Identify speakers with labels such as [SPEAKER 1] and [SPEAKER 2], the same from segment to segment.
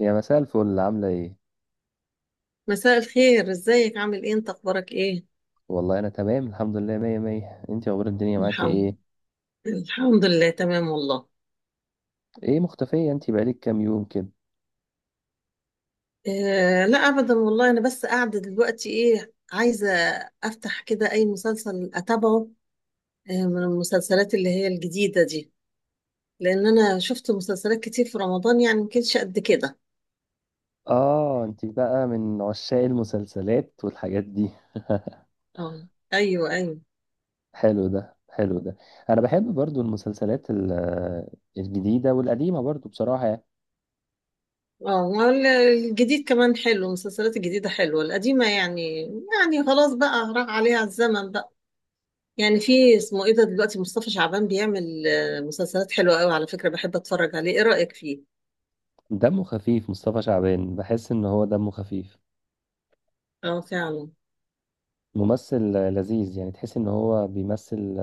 [SPEAKER 1] يا مساء الفل، عاملة ايه؟
[SPEAKER 2] مساء الخير، ازيك؟ عامل ايه انت؟ اخبارك ايه؟
[SPEAKER 1] والله أنا تمام الحمد لله، مية مية. انتي أخبار الدنيا معاكي
[SPEAKER 2] الحمد
[SPEAKER 1] ايه؟
[SPEAKER 2] الحمد لله، تمام والله.
[SPEAKER 1] ايه، مختفية انتي بقالك كام يوم كده؟
[SPEAKER 2] آه، لا ابدا والله. انا بس قاعده دلوقتي، ايه عايزه افتح كده اي مسلسل اتابعه، آه، من المسلسلات اللي هي الجديده دي. لان انا شفت مسلسلات كتير في رمضان، يعني ما كانتش قد كده.
[SPEAKER 1] اه، انتي بقى من عشاق المسلسلات والحاجات دي.
[SPEAKER 2] اه، ايوه ايوه.
[SPEAKER 1] حلو ده، حلو ده. أنا بحب برضو المسلسلات الجديدة والقديمة برضو بصراحة يعني.
[SPEAKER 2] اه، الجديد كمان حلو، المسلسلات الجديده حلوه. القديمه يعني يعني خلاص بقى راح عليها الزمن بقى. يعني في اسمه ايه ده، دلوقتي مصطفى شعبان بيعمل مسلسلات حلوة قوي على فكرة. بحب اتفرج عليه، ايه رأيك فيه؟
[SPEAKER 1] دمه خفيف مصطفى شعبان، بحس إن هو دمه خفيف،
[SPEAKER 2] اه فعلا.
[SPEAKER 1] ممثل لذيذ. يعني تحس إن هو بيمثل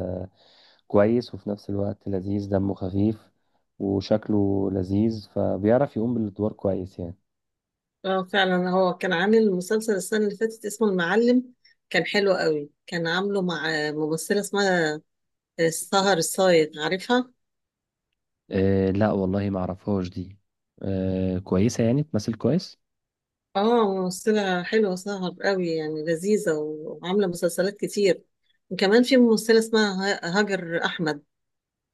[SPEAKER 1] كويس، وفي نفس الوقت لذيذ دمه خفيف، وشكله لذيذ، فبيعرف يقوم بالادوار كويس يعني.
[SPEAKER 2] اه فعلا، هو كان عامل مسلسل السنة اللي فاتت اسمه المعلم، كان حلو قوي. كان عامله مع ممثلة اسمها سهر الصايغ، عارفها؟
[SPEAKER 1] أه لا والله، ما اعرفهاش دي. أه كويسة، يعني تمثل كويس.
[SPEAKER 2] اه، ممثلة حلوة سهر قوي، يعني لذيذة وعاملة مسلسلات كتير. وكمان في ممثلة اسمها هاجر أحمد،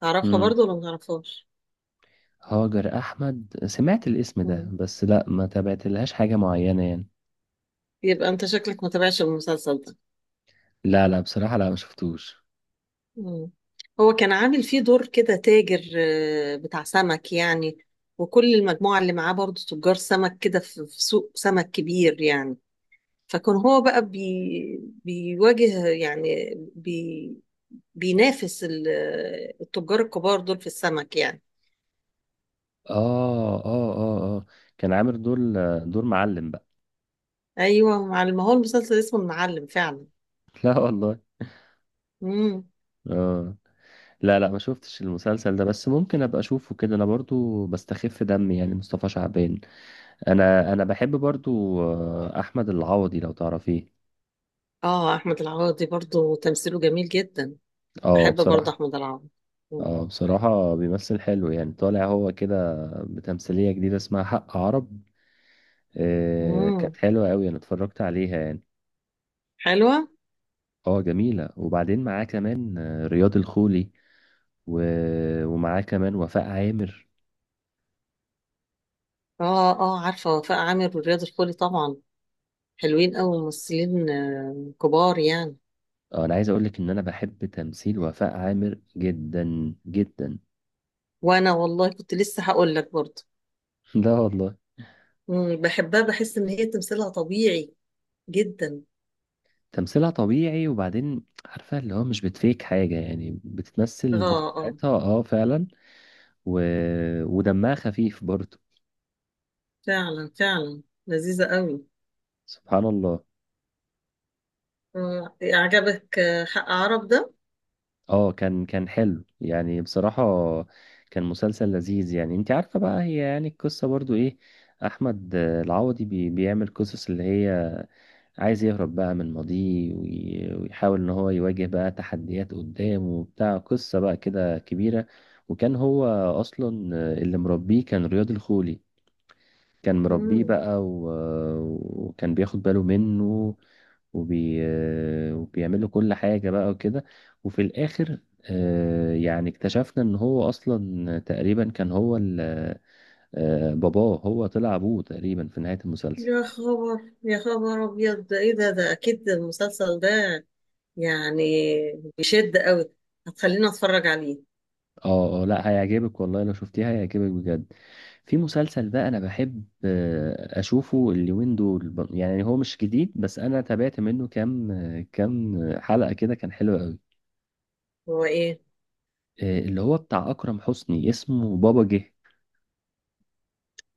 [SPEAKER 2] تعرفها
[SPEAKER 1] مم.
[SPEAKER 2] برضو ولا ما تعرفهاش؟
[SPEAKER 1] هاجر احمد سمعت الاسم ده،
[SPEAKER 2] مم.
[SPEAKER 1] بس لا، ما تابعت لهاش حاجة معينة يعني.
[SPEAKER 2] يبقى انت شكلك ما تابعش المسلسل ده.
[SPEAKER 1] لا لا، بصراحة لا، ما شفتوش.
[SPEAKER 2] مم. هو كان عامل فيه دور كده تاجر بتاع سمك يعني، وكل المجموعة اللي معاه برضه تجار سمك كده في سوق سمك كبير يعني. فكان هو بقى بيواجه يعني، بي بينافس التجار الكبار دول في السمك يعني.
[SPEAKER 1] اه اه اه اه. كان عامل دور معلم بقى.
[SPEAKER 2] ايوه، ما هو المسلسل اسمه المعلم فعلا.
[SPEAKER 1] لا والله.
[SPEAKER 2] امم.
[SPEAKER 1] اه. لا لا، ما شفتش المسلسل ده، بس ممكن ابقى اشوفه كده، انا برضو بستخف دمي يعني مصطفى شعبان. انا بحب برضو احمد العوضي لو تعرفيه.
[SPEAKER 2] اه، احمد العوضي برضه تمثيله جميل جدا،
[SPEAKER 1] اه
[SPEAKER 2] بحب برضه
[SPEAKER 1] بصراحة.
[SPEAKER 2] احمد العوضي.
[SPEAKER 1] اه بصراحة بيمثل حلو، يعني طالع هو كده بتمثيلية جديدة اسمها حق عرب.
[SPEAKER 2] امم،
[SPEAKER 1] كانت حلوة قوي، انا اتفرجت عليها يعني.
[SPEAKER 2] حلوة.
[SPEAKER 1] اه جميلة، وبعدين معاه كمان رياض الخولي، ومعاه كمان وفاء عامر.
[SPEAKER 2] اه اه، عارفة وفاء عامر ورياض الخولي طبعا، حلوين أوي، ممثلين كبار يعني.
[SPEAKER 1] انا عايز اقولك ان انا بحب تمثيل وفاء عامر جدا جدا.
[SPEAKER 2] وأنا والله كنت لسه هقول لك برضه،
[SPEAKER 1] لا والله.
[SPEAKER 2] مم، بحبها، بحس إن هي تمثيلها طبيعي جدا.
[SPEAKER 1] تمثيلها طبيعي، وبعدين عارفة اللي هو مش بتفيك حاجة يعني،
[SPEAKER 2] اه
[SPEAKER 1] بتتمثل
[SPEAKER 2] اه،
[SPEAKER 1] بطبيعتها. اه فعلا. و... ودمها خفيف برضه.
[SPEAKER 2] فعلا فعلا، لذيذة أوي.
[SPEAKER 1] سبحان الله.
[SPEAKER 2] آه عجبك حق عرب ده؟
[SPEAKER 1] اه كان حلو يعني بصراحة، كان مسلسل لذيذ. يعني انت عارفة بقى هي يعني القصة برضو ايه؟ احمد العوضي بيعمل قصص اللي هي عايز يهرب بقى من ماضيه، ويحاول ان هو يواجه بقى تحديات قدامه وبتاع، قصة بقى كده كبيرة. وكان هو اصلا اللي مربيه كان رياض الخولي. كان مربيه
[SPEAKER 2] مم.
[SPEAKER 1] بقى، وكان بياخد باله منه وبي... وبيعمل له كل حاجة بقى وكده. وفي الآخر يعني اكتشفنا ان هو اصلا تقريبا كان هو باباه. هو طلع ابوه تقريبا في نهاية المسلسل.
[SPEAKER 2] يا خبر، يا خبر أبيض، ده إيه ده؟ ده أكيد المسلسل ده يعني بيشد أوي، هتخليني أتفرج عليه.
[SPEAKER 1] اه اه، لا هيعجبك والله، لو شفتيها هيعجبك بجد. في مسلسل بقى انا بحب اشوفه اليومين دول، يعني هو مش جديد، بس انا تابعت منه كام حلقة كده، كان حلو قوي.
[SPEAKER 2] هو إيه؟
[SPEAKER 1] اللي هو بتاع اكرم حسني، اسمه بابا جه.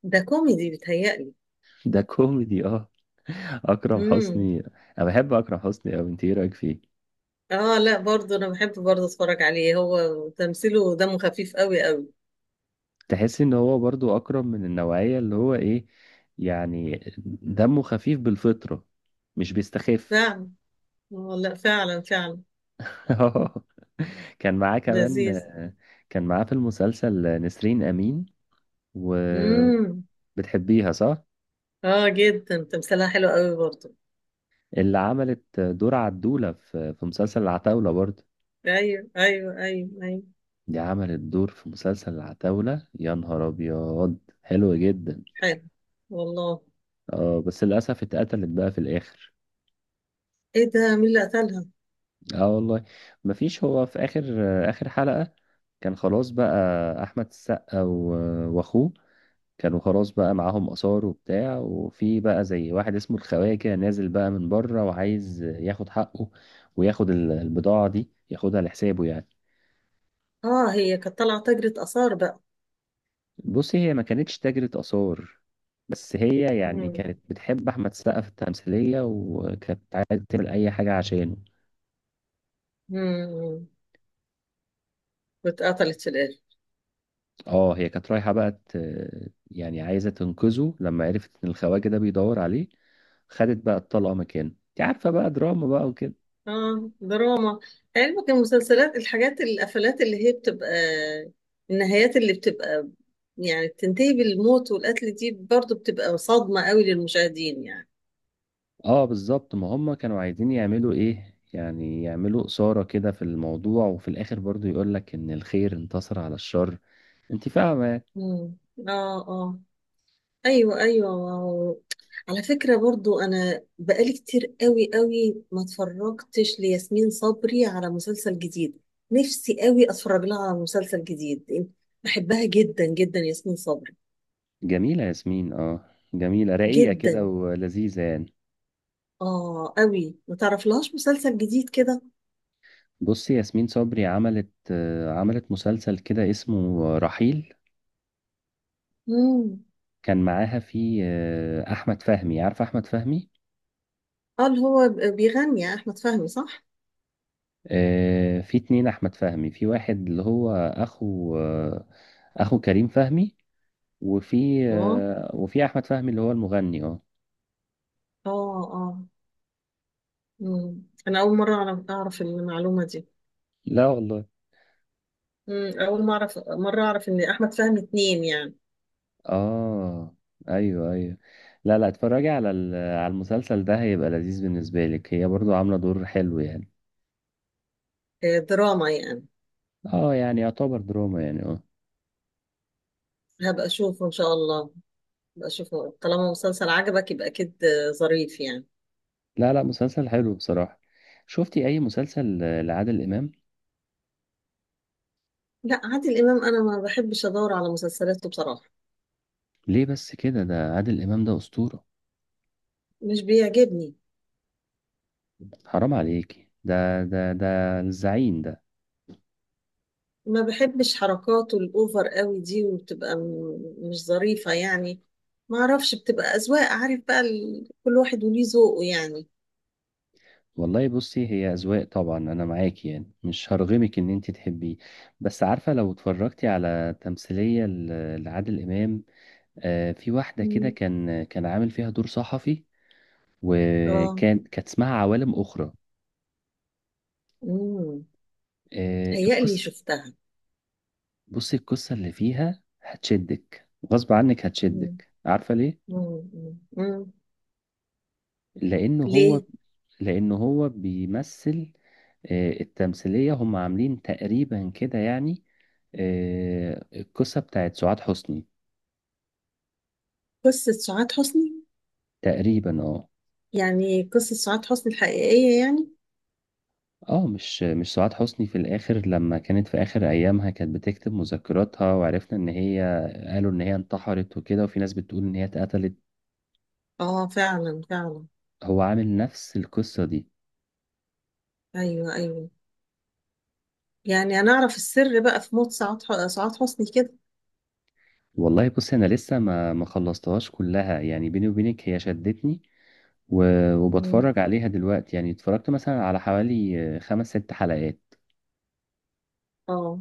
[SPEAKER 2] ده كوميدي بيتهيألي؟
[SPEAKER 1] ده كوميدي اه. اكرم
[SPEAKER 2] مم.
[SPEAKER 1] حسني. انا بحب اكرم حسني قوي، انت ايه رايك فيه؟
[SPEAKER 2] اه، لا برضه انا بحب برضه اتفرج عليه، هو تمثيله دمه خفيف قوي قوي.
[SPEAKER 1] تحس ان هو برضو اكرم من النوعية اللي هو ايه يعني، دمه خفيف بالفطرة، مش بيستخف.
[SPEAKER 2] فعلا، اه لا فعلا فعلا،
[SPEAKER 1] كان معاه كمان.
[SPEAKER 2] لذيذ.
[SPEAKER 1] كان معاه في المسلسل نسرين أمين، وبتحبيها
[SPEAKER 2] امم،
[SPEAKER 1] صح؟
[SPEAKER 2] اه جدا، تمثيلها حلو قوي برضه.
[SPEAKER 1] اللي عملت دور عدولة في مسلسل العتاولة برضه.
[SPEAKER 2] ايوه ايوه ايوه ايوه،
[SPEAKER 1] دي عملت دور في مسلسل العتاولة، يا نهار أبيض حلو جدا.
[SPEAKER 2] حلو والله.
[SPEAKER 1] اه بس للأسف اتقتلت بقى في الآخر.
[SPEAKER 2] ايه ده، مين اللي قتلها؟
[SPEAKER 1] اه والله. مفيش. هو في آخر، آخر حلقة كان خلاص بقى. أحمد السقا وأخوه كانوا خلاص بقى معاهم آثار وبتاع. وفي بقى زي واحد اسمه الخواجة كده، نازل بقى من بره وعايز ياخد حقه، وياخد البضاعة دي، ياخدها لحسابه يعني.
[SPEAKER 2] اه، هي كانت طالعه تاجرة اثار بقى.
[SPEAKER 1] بصي هي ما كانتش تاجرة آثار، بس هي يعني
[SPEAKER 2] امم.
[SPEAKER 1] كانت بتحب أحمد السقا في التمثيلية، وكانت عايزة تعمل أي حاجة عشانه.
[SPEAKER 2] امم، واتقتلت في الاخر.
[SPEAKER 1] اه هي كانت رايحة بقى يعني عايزة تنقذه، لما عرفت إن الخواجة ده بيدور عليه خدت بقى الطلقة مكانه. انت عارفة بقى دراما بقى وكده.
[SPEAKER 2] اه دراما، علمك المسلسلات الحاجات، القفلات اللي هي بتبقى، النهايات اللي بتبقى يعني بتنتهي بالموت والقتل دي، برضو بتبقى صدمة قوي للمشاهدين يعني.
[SPEAKER 1] اه بالظبط، ما هم كانوا عايزين يعملوا ايه، يعني يعملوا إثارة كده في الموضوع، وفي الآخر برضو يقولك إن الخير انتصر على الشر. انت فاهمة؟
[SPEAKER 2] مم. اه اه، ايوه ايوه، واو. على فكرة برضو، انا بقالي كتير قوي قوي ما اتفرجتش لياسمين صبري على مسلسل جديد، نفسي قوي اتفرج لها على مسلسل جديد، بحبها جدا جدا ياسمين صبري.
[SPEAKER 1] جميلة ياسمين، اه جميلة، رقيقة كده
[SPEAKER 2] جدا،
[SPEAKER 1] ولذيذة يعني.
[SPEAKER 2] اه قوي. ما تعرفلهاش مسلسل جديد كده؟
[SPEAKER 1] بصي ياسمين صبري عملت مسلسل كده اسمه رحيل.
[SPEAKER 2] امم.
[SPEAKER 1] كان معاها فيه أحمد فهمي. عارفة أحمد فهمي؟
[SPEAKER 2] اه، اللي هو بيغني احمد فهمي، صح؟
[SPEAKER 1] في اتنين أحمد فهمي. في واحد اللي هو أخو كريم فهمي، وفي
[SPEAKER 2] اه
[SPEAKER 1] آه، وفي احمد فهمي اللي هو المغني اه.
[SPEAKER 2] اه اه. امم، انا اول مره اعرف المعلومه دي.
[SPEAKER 1] لا والله.
[SPEAKER 2] امم، اول ما اعرف مره اعرف ان احمد فهمي اتنين يعني.
[SPEAKER 1] اه. ايوه ايوه. لا لا، اتفرجي على المسلسل ده، هيبقى لذيذ بالنسبه لك. هي برضو عامله دور حلو يعني.
[SPEAKER 2] دراما يعني؟
[SPEAKER 1] اه، يعني يعتبر دراما يعني اه.
[SPEAKER 2] هبقى اشوفه ان شاء الله، هبقى اشوفه. طالما مسلسل عجبك يبقى اكيد ظريف يعني.
[SPEAKER 1] لا لا، مسلسل حلو بصراحه. شفتي اي مسلسل لعادل امام؟
[SPEAKER 2] لا، عادل امام انا ما بحبش ادور على مسلسلاته بصراحه،
[SPEAKER 1] ليه بس كده؟ ده عادل امام، ده اسطوره،
[SPEAKER 2] مش بيعجبني.
[SPEAKER 1] حرام عليكي، ده الزعيم ده.
[SPEAKER 2] ما بحبش حركاته الأوفر قوي دي، وبتبقى مش ظريفة يعني. ما أعرفش، بتبقى أذواق، عارف بقى، ال... كل واحد وليه ذوقه يعني.
[SPEAKER 1] والله بصي هي أذواق طبعا، أنا معاكي يعني، مش هرغمك إن أنت تحبيه. بس عارفة، لو اتفرجتي على تمثيلية لعادل إمام، في واحدة كده
[SPEAKER 2] مم.
[SPEAKER 1] كان عامل فيها دور صحفي،
[SPEAKER 2] اه.
[SPEAKER 1] وكان كانت اسمها عوالم أخرى.
[SPEAKER 2] امم، هيقلي
[SPEAKER 1] القصة.
[SPEAKER 2] شفتها؟
[SPEAKER 1] بصي القصة اللي فيها هتشدك، غصب عنك
[SPEAKER 2] مم.
[SPEAKER 1] هتشدك، عارفة ليه؟
[SPEAKER 2] مم. مم. مم.
[SPEAKER 1] لأنه هو
[SPEAKER 2] ليه؟
[SPEAKER 1] لأنه هو بيمثل. التمثيلية هم عاملين تقريبا كده يعني، القصة بتاعت سعاد حسني
[SPEAKER 2] قصة سعاد حسني؟
[SPEAKER 1] تقريبا اه.
[SPEAKER 2] يعني قصة سعاد حسني الحقيقية يعني؟
[SPEAKER 1] اه مش سعاد حسني، في الاخر لما كانت في اخر ايامها كانت بتكتب مذكراتها، وعرفنا ان هي، قالوا ان هي انتحرت وكده، وفي ناس بتقول ان هي اتقتلت.
[SPEAKER 2] اه فعلا فعلا.
[SPEAKER 1] هو عامل نفس القصة دي.
[SPEAKER 2] ايوه ايوه، يعني انا اعرف السر بقى في موت سعاد حسني كده.
[SPEAKER 1] والله بص، انا لسه ما خلصتهاش كلها يعني، بيني وبينك هي شدتني،
[SPEAKER 2] مم.
[SPEAKER 1] وبتفرج عليها دلوقتي. يعني اتفرجت مثلا على حوالي خمس ست حلقات.
[SPEAKER 2] اه،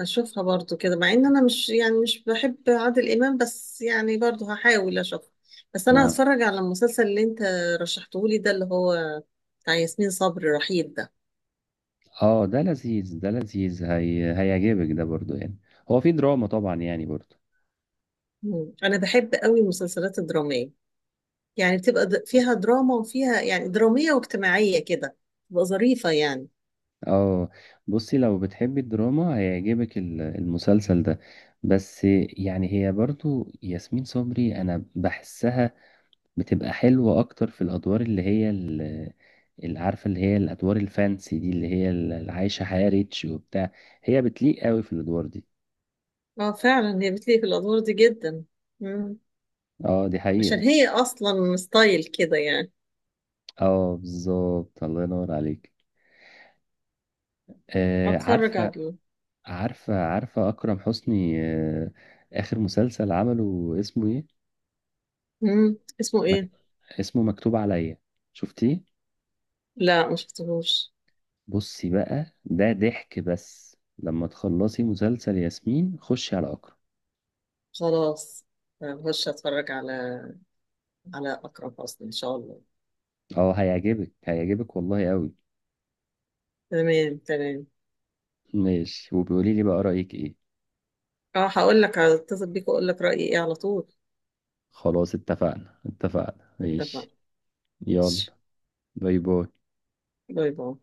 [SPEAKER 2] هشوفها برضو كده، مع ان انا مش يعني مش بحب عادل امام، بس يعني برضو هحاول اشوفها. بس انا
[SPEAKER 1] ما
[SPEAKER 2] هتفرج على المسلسل اللي انت رشحته لي ده، اللي هو بتاع ياسمين صبري، رحيل ده.
[SPEAKER 1] اه، ده لذيذ، ده لذيذ، هيعجبك ده برضو يعني، هو في دراما طبعا يعني برضو.
[SPEAKER 2] انا بحب قوي المسلسلات الدرامية، يعني بتبقى فيها دراما وفيها يعني درامية واجتماعية كده، تبقى ظريفة يعني.
[SPEAKER 1] اه بصي، لو بتحبي الدراما هيعجبك المسلسل ده. بس يعني هي برضو ياسمين صبري، انا بحسها بتبقى حلوة اكتر في الادوار اللي هي اللي عارفة، اللي هي الادوار الفانسي دي، اللي هي اللي عايشة حياة ريتش وبتاع. هي بتليق قوي في الادوار دي.
[SPEAKER 2] اه فعلا، هي بتليق في الادوار دي جدا. مم.
[SPEAKER 1] اه دي
[SPEAKER 2] عشان
[SPEAKER 1] حقيقة.
[SPEAKER 2] هي اصلا ستايل كده يعني.
[SPEAKER 1] اه بالظبط، الله ينور عليك. آه
[SPEAKER 2] هتفرج
[SPEAKER 1] عارفة،
[SPEAKER 2] عليه.
[SPEAKER 1] عارفة أكرم حسني، آخر مسلسل عمله اسمه إيه؟
[SPEAKER 2] مم، اسمه ايه؟
[SPEAKER 1] مك... اسمه مكتوب عليا، شفتيه؟
[SPEAKER 2] لا، مشفتهوش.
[SPEAKER 1] بصي بقى ده ضحك، بس لما تخلصي مسلسل ياسمين خشي على أكرم.
[SPEAKER 2] خلاص، هخش اتفرج على، على اقرب اصلا ان شاء الله.
[SPEAKER 1] أه هيعجبك والله أوي.
[SPEAKER 2] تمام تمام.
[SPEAKER 1] ماشي، وبيقولي لي بقى رأيك إيه.
[SPEAKER 2] اه، هقول لك، هتصل بيك واقول لك رايي ايه على طول.
[SPEAKER 1] خلاص، اتفقنا اتفقنا
[SPEAKER 2] اتفقنا،
[SPEAKER 1] ماشي. يلا.
[SPEAKER 2] ماشي.
[SPEAKER 1] باي باي.
[SPEAKER 2] باي باي.